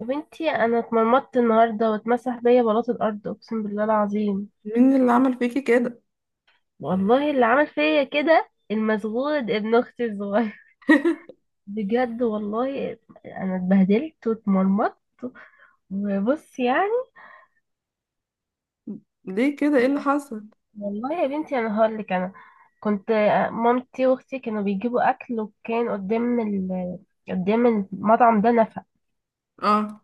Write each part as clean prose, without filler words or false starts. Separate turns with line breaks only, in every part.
يا بنتي، انا اتمرمطت النهارده واتمسح بيا بلاط الارض، اقسم بالله العظيم.
مين اللي عمل فيكي كده؟
والله اللي عمل فيا كده المسغود ابن اختي الصغير، بجد والله. انا اتبهدلت واتمرمطت وبص يعني.
ليه كده؟ ايه اللي حصل؟
والله يا بنتي انا هقول لك، انا كنت مامتي واختي كانوا بيجيبوا اكل، وكان قدام قدام المطعم ده نفق،
اه.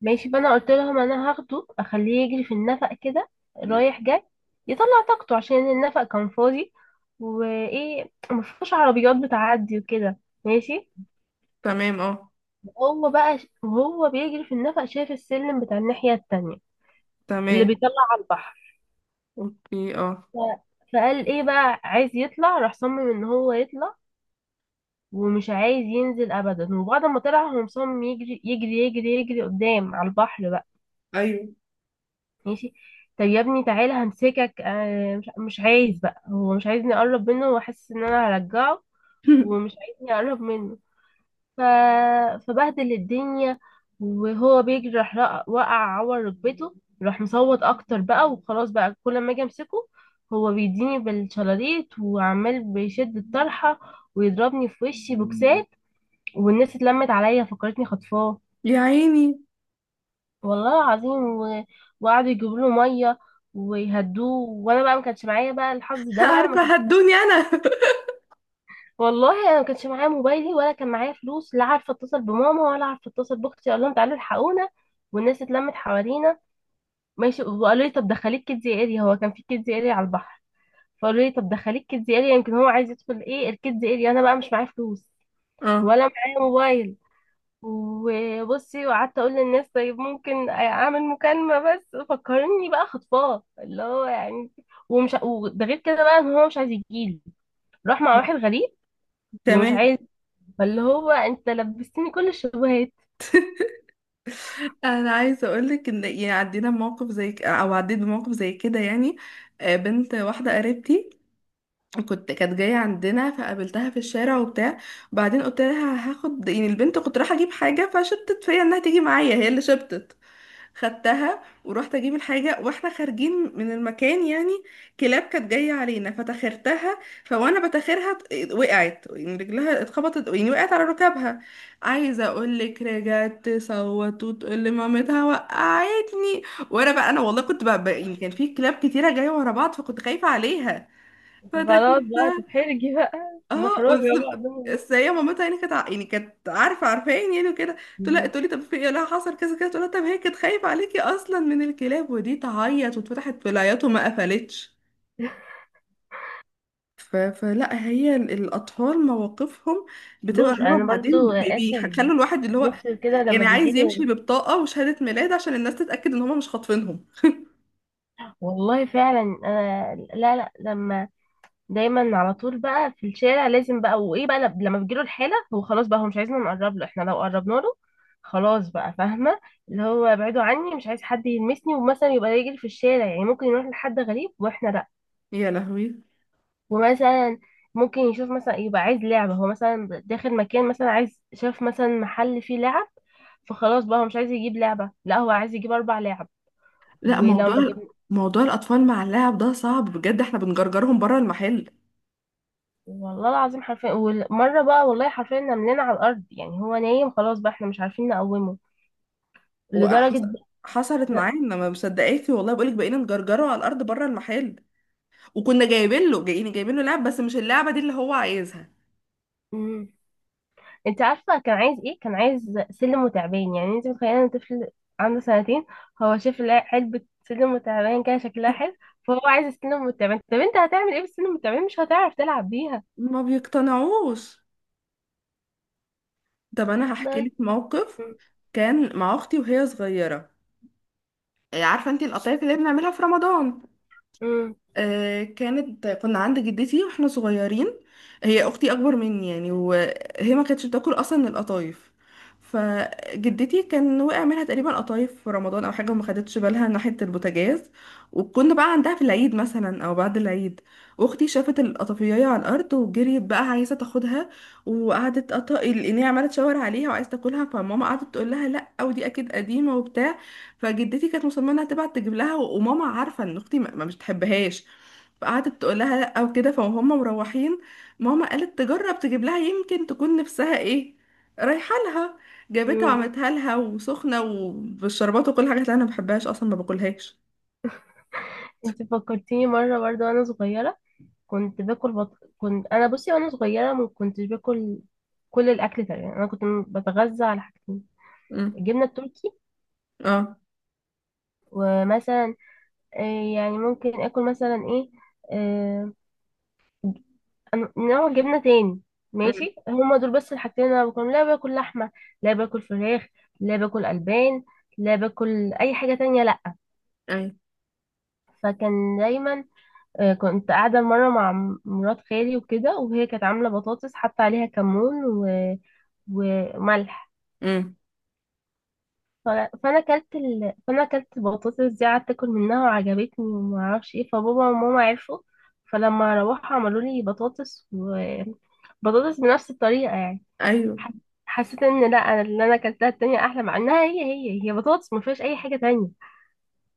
ماشي. فانا قلت لهم انا هاخده اخليه يجري في النفق كده،
مم.
رايح جاي، يطلع طاقته، عشان النفق كان فاضي وايه، مفيش عربيات بتعدي وكده، ماشي.
تمام. اه.
وهو بقى وهو بيجري في النفق شايف السلم بتاع الناحية التانية اللي
تمام.
بيطلع على البحر.
اوكي. اه.
ف... فقال ايه بقى، عايز يطلع، راح صمم ان هو يطلع ومش عايز ينزل ابدا. وبعد ما طلع هو مصمم يجري يجري يجري يجري قدام على البحر بقى،
ايوه.
ماشي. طب يا ابني تعالى همسكك، مش عايز بقى، هو مش عايزني اقرب منه وحاسس ان انا هرجعه، ومش عايزني اقرب منه. ف... فبهدل الدنيا. وهو بيجري راح وقع عور ركبته، راح مصوت اكتر بقى. وخلاص بقى كل ما اجي امسكه هو بيديني بالشلاليت وعمال بيشد الطرحة ويضربني في وشي بوكسات، والناس اتلمت عليا فكرتني خطفاه،
يا عيني.
والله العظيم. و... وقعدوا يجيبوا له ميه ويهدوه، وانا بقى ما كانش معايا بقى الحظ ده بقى، ما كان...
عارفه، هدوني انا.
والله انا ما كانش معايا موبايلي ولا كان معايا فلوس، لا عارفه اتصل بماما ولا عارفه اتصل باختي اقول لهم تعالوا الحقونا. والناس اتلمت حوالينا، ماشي. وقالوا لي طب دخليك كيدز اريا، هو كان في كيدز اريا على البحر. فقالوا لي طب دخليك كيدز اريا، يمكن هو عايز يدخل. ايه الكيدز اريا، انا بقى مش معايا فلوس
اه،
ولا معايا موبايل. وبصي، وقعدت اقول للناس طيب ممكن اعمل مكالمه، بس فكرني بقى خطفاه، اللي هو يعني، ومش وده غير كده بقى ان هو مش عايز يجيلي، راح مع واحد غريب ومش
تمام.
عايز، فاللي هو انت لبستني كل الشبهات،
انا عايزه اقولك ان، يعني، عدينا بموقف زي او عديت بموقف زي كده، يعني. بنت واحده قريبتي كانت جايه عندنا، فقابلتها في الشارع وبتاع. بعدين قلت لها هاخد، يعني البنت، كنت رايحه اجيب حاجه فشبتت فيا انها تيجي معايا، هي اللي شبتت. خدتها ورحت اجيب الحاجه، واحنا خارجين من المكان يعني كلاب كانت جايه علينا فتاخرتها. فوانا بتاخرها وقعت، يعني رجلها اتخبطت، يعني وقعت على ركبها. عايزه اقول لك، رجعت تصوت وتقول لمامتها وقعتني. وانا بقى انا والله كنت بقى يعني كان في كلاب كتيره جايه ورا بعض، فكنت خايفه عليها
خلاص
فتاخرتها.
بقى تتحرجي بقى،
اه،
محرجه
بس.
بقى قدام
بس هي مامتها يعني كانت يعني كانت عارفين يعني وكده. تقول لها،
الناس.
تقول لي طب في ايه، لا حصل كذا كذا، تقول لها طب هي كانت خايفه عليكي اصلا من الكلاب، ودي تعيط، واتفتحت في العياط وما قفلتش. فلا، هي الاطفال مواقفهم بتبقى
فلوس
غريبه،
انا
وبعدين
برضو اسر
بيخلوا الواحد اللي هو،
يخطر كده لما
يعني عايز يمشي
بيجيلي.
ببطاقه وشهاده ميلاد عشان الناس تتاكد ان هم مش خاطفينهم.
والله فعلا انا، لا لما دايما على طول بقى في الشارع، لازم بقى وايه بقى، لما بتجيله الحالة هو خلاص بقى، هو مش عايزنا نقرب له. احنا لو قربنا له، خلاص بقى، فاهمة؟ اللي هو ابعدوا عني، مش عايز حد يلمسني. ومثلا يبقى يجري في الشارع، يعني ممكن يروح لحد غريب واحنا لا.
يا لهوي.
ومثلا ممكن يشوف، مثلا يبقى عايز لعبة، هو مثلا داخل مكان، مثلا عايز، شاف مثلا محل فيه لعب، فخلاص بقى هو مش عايز يجيب لعبة، لا هو عايز يجيب أربع لعب.
لا،
ولو ما
موضوع
جبنا،
موضوع الاطفال مع اللعب ده صعب بجد، احنا بنجرجرهم بره المحل.
والله العظيم حرفيا. ومرة بقى والله حرفيا نملنا على الأرض، يعني هو نايم خلاص بقى، احنا مش عارفين نقومه، لدرجة.
وحصل حصلت معانا، ما مصدقاكي؟ والله بقولك، بقينا نجرجره على الارض بره المحل، وكنا جايبين له لعب بس مش اللعبه دي اللي هو عايزها.
مم. انت عارفة كان عايز ايه؟ كان عايز سلم وتعبان، يعني انت متخيلة ان طفل عنده سنتين هو شاف علبة سلم وتعبان كده شكلها حلو، فهو عايز السلم والتعبان. طب انت هتعمل ايه بالسلم والتعبان، مش هتعرف تلعب بيها.
ما بيقتنعوش. طب انا هحكي
بس.
لك موقف. كان مع اختي وهي صغيره. إيه، عارفه انت القطايف اللي بنعملها في رمضان؟
مم.
كنا عند جدتي واحنا صغيرين. هي اختي اكبر مني يعني، وهي ما كانتش بتاكل اصلا القطايف. فجدتي كان وقع منها تقريبا قطايف في رمضان او حاجه وما خدتش بالها ناحيه البوتاجاز. وكنا بقى عندها في العيد مثلا او بعد العيد، واختي شافت القطافيه على الارض وجريت بقى عايزه تاخدها. وقعدت القنية عماله تشاور عليها وعايزه تاكلها. فماما قعدت تقول لها لا، ودي اكيد قديمه وبتاع. فجدتي كانت مصممه انها تبعت تجيب لها، وماما عارفه ان اختي مش بتحبهاش، فقعدت تقول لها لا وكده. فهم مروحين، ماما قالت تجرب تجيب لها يمكن تكون نفسها ايه، رايحه لها. جابتها
مم.
وعملتها لها وسخنه وبالشربات وكل حاجه، قالت لها انا ما بحبهاش اصلا ما باكلهاش.
انت فكرتيني مرة برضه وانا صغيرة، كنت كنت انا بصي وانا صغيرة ما كنتش باكل كل الاكل تقريبا. انا كنت بتغذى على حاجتين،
امم.
الجبنة التركي،
اه.
ومثلا، يعني ممكن اكل مثلا ايه، آه، نوع جبنه تاني،
امم.
ماشي. هما دول بس الحاجتين اللي انا باكلهم، لا باكل لحمه، لا باكل فراخ، لا باكل البان، لا باكل اي حاجه تانية، لا.
ايوه.
فكان دايما، كنت قاعده مره مع مرات خالي وكده، وهي كانت عامله بطاطس حاطه عليها كمون وملح.
امم.
ف- فانا اكلت فانا اكلت البطاطس دي، قعدت اكل منها وعجبتني وما اعرفش ايه، فبابا وماما عرفوا، فلما روحوا عملوا لي بطاطس، وبطاطس بنفس الطريقه يعني،
ايوه.
ح- حسيت ان لا، أنا اللي انا اكلتها التانية احلى، مع انها هي هي هي بطاطس ما فيهاش اي حاجه تانية.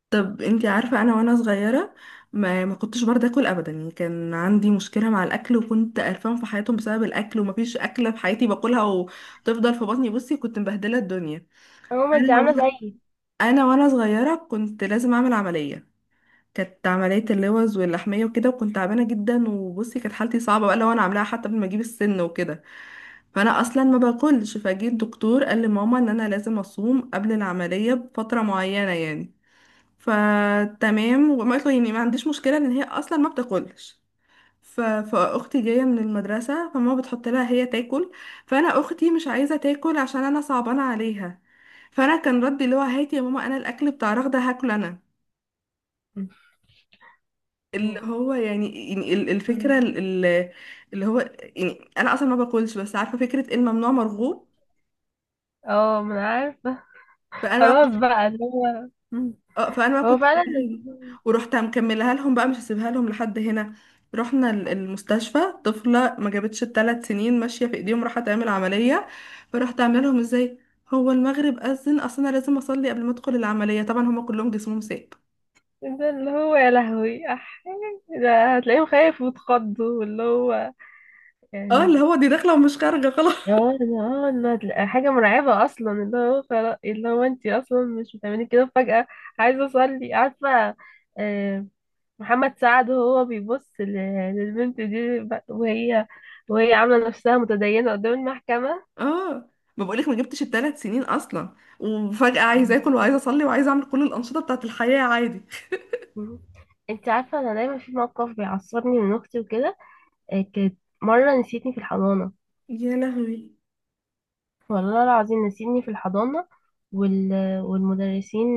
طب انتي عارفه انا وانا صغيره ما كنتش برضه اكل ابدا، يعني كان عندي مشكله مع الاكل، وكنت قرفان في حياتهم بسبب الاكل، ومفيش اكله في حياتي باكلها وتفضل في بطني. بصي كنت مبهدله الدنيا.
ماما انت عامله
انا
زيي
انا وانا صغيره كنت لازم اعمل عمليه، كانت عمليه اللوز واللحميه وكده، وكنت تعبانه جدا. وبصي كانت حالتي صعبه بقى لو انا عاملاها حتى قبل ما اجيب السن وكده. فانا اصلا ما باكلش، فجيت الدكتور قال لماما ان انا لازم اصوم قبل العمليه بفتره معينه يعني. فتمام، وما قلت له، يعني ما عنديش مشكله ان هي اصلا ما بتاكلش. فاختي جايه من المدرسه، فماما بتحط لها هي تاكل. فانا اختي مش عايزه تاكل عشان انا صعبانه عليها. فانا كان ردي اللي هو، هاتي يا ماما انا الاكل بتاع رغده هاكله انا. اللي
و-
هو يعني الفكره
مم.
ال- اللي هو، يعني انا اصلا ما باكلش بس عارفه فكره الممنوع مرغوب.
اه ما انا عارفه.
فانا
خلاص
بقى
بقى اللي هو. مم.
اه فانا بقى
هو فعلا
ورحت مكملها لهم بقى، مش هسيبها لهم لحد هنا. رحنا المستشفى. طفلة ما جابتش ال3 سنين ماشية في ايديهم راح تعمل عملية. فرحت عاملة لهم ازاي؟ هو المغرب أذن، اصل انا لازم اصلي قبل ما ادخل العملية. طبعا هما كلهم جسمهم ساب.
ده اللي هو، يا لهوي. ده هتلاقيهم خايف وتخضوا، واللي هو
اه،
يعني.
اللي هو دي داخلة ومش خارجة خلاص.
هو ده هو ده، اه ده حاجة مرعبة أصلا، اللي هو خلاص اللي هو، أنت أصلا مش بتعملي كده فجأة عايزة أصلي، عارفة؟ آه، محمد سعد وهو بيبص للبنت دي وهي، وهي عاملة نفسها متدينة قدام المحكمة.
اه، ما بقولك ما جبتش ال3 سنين اصلا وفجأة عايزة
مم.
اكل وعايزة اصلي وعايزة اعمل كل الأنشطة بتاعت الحياة عادي.
مم. أنت عارفة أنا دايما في موقف بيعصبني من أختي وكده، كانت مرة نسيتني في الحضانة،
يا لهوي.
والله العظيم نسيتني في الحضانة. وال... والمدرسين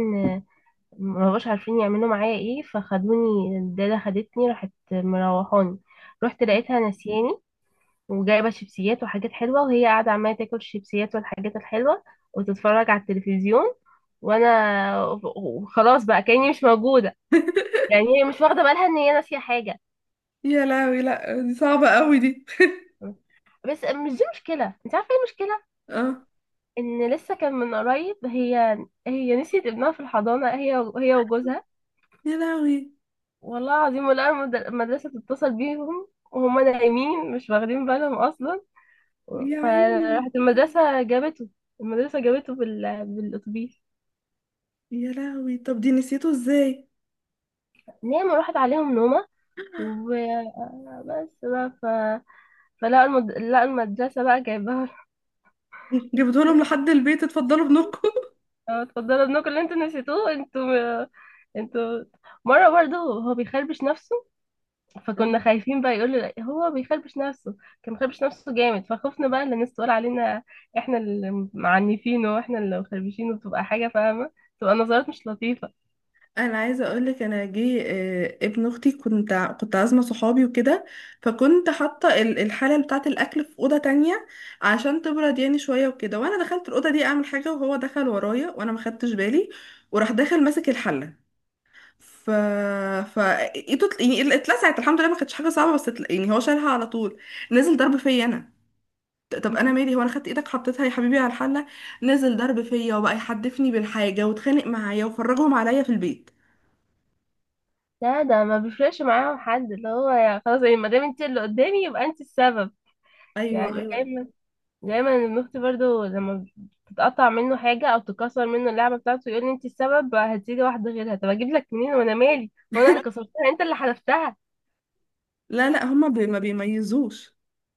ما بقاش عارفين يعملوا معايا ايه، فخدوني الداده، خدتني راحت مروحاني، رحت لقيتها نسياني، وجايبه شيبسيات وحاجات حلوه، وهي قاعده عماله تاكل الشيبسيات والحاجات الحلوه وتتفرج على التلفزيون، وانا، وخلاص بقى كاني مش موجوده. يعني هي مش واخده بالها ان هي ناسيه حاجه.
يا لهوي، لا دي صعبة قوي دي.
بس مش دي مشكله، انت عارفه ايه المشكله؟
اه.
ان لسه كان من قريب هي نسيت ابنها في الحضانه، هي هي وجوزها،
يا لهوي.
والله العظيم. ولا المدرسة تتصل بيهم وهما نايمين مش واخدين بالهم أصلا.
يا عيني.
فراحت المدرسة جابته، المدرسة جابته بالأتوبيس.
يا لهوي، طب دي نسيته ازاي؟
نام وراحت عليهم نومة، وبس بقى. فلقوا لقوا المدرسة بقى جايباها.
جبتوا لهم لحد البيت، اتفضلوا ابنكم.
اه، اتفضلوا ابنكم اللي انتوا نسيتوه انتوا، انتوا. مرة برضه هو بيخربش نفسه، فكنا خايفين بقى يقول له هو بيخربش نفسه، كان بيخربش نفسه جامد، فخفنا بقى ان الناس تقول علينا احنا اللي معنفينه واحنا اللي مخربشينه، بتبقى حاجه فاهمه، تبقى نظرات مش لطيفه.
انا عايزه اقول لك، انا جه ابن اختي، كنت عازمه صحابي وكده، فكنت حاطه الحله بتاعه الاكل في اوضه تانية عشان تبرد يعني شويه وكده. وانا دخلت الاوضه دي اعمل حاجه، وهو دخل ورايا وانا ما خدتش بالي، وراح داخل ماسك الحله. ف ف ايده يعني اتلسعت، الحمد لله ما كانتش حاجه صعبه. بس يعني هو شالها على طول، نزل ضرب فيا انا. طب انا مالي، هو انا خدت ايدك حطيتها يا حبيبي على الحله؟ نزل ضرب فيا، وبقى يحدفني بالحاجه واتخانق معايا وفرجهم عليا في البيت.
لا ده ما بيفرقش معاهم حد، اللي هو يعني خلاص، يعني ما دام انت اللي قدامي يبقى انت السبب،
ايوه،
يعني
ايوه.
دايما. دايما ابن اختي برضو لما تتقطع منه حاجه او تكسر منه اللعبه بتاعته يقول لي انت السبب، هتيجي واحده غيرها، طب اجيب لك منين، وانا مالي، هو انا اللي كسرتها، انت اللي حلفتها.
لا، لا، هما ما بيميزوش.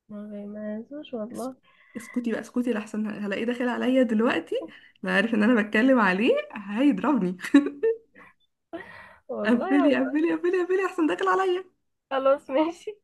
ما بيميزوش
اس-
والله.
اسكتي بقى، اسكتي، لحسن هلاقيه داخل عليا دلوقتي. لا، عارف ان انا بتكلم عليه هيضربني. قفلي،
والله
قفلي، قفلي، قفلي، احسن داخل عليا.
خلاص ماشي.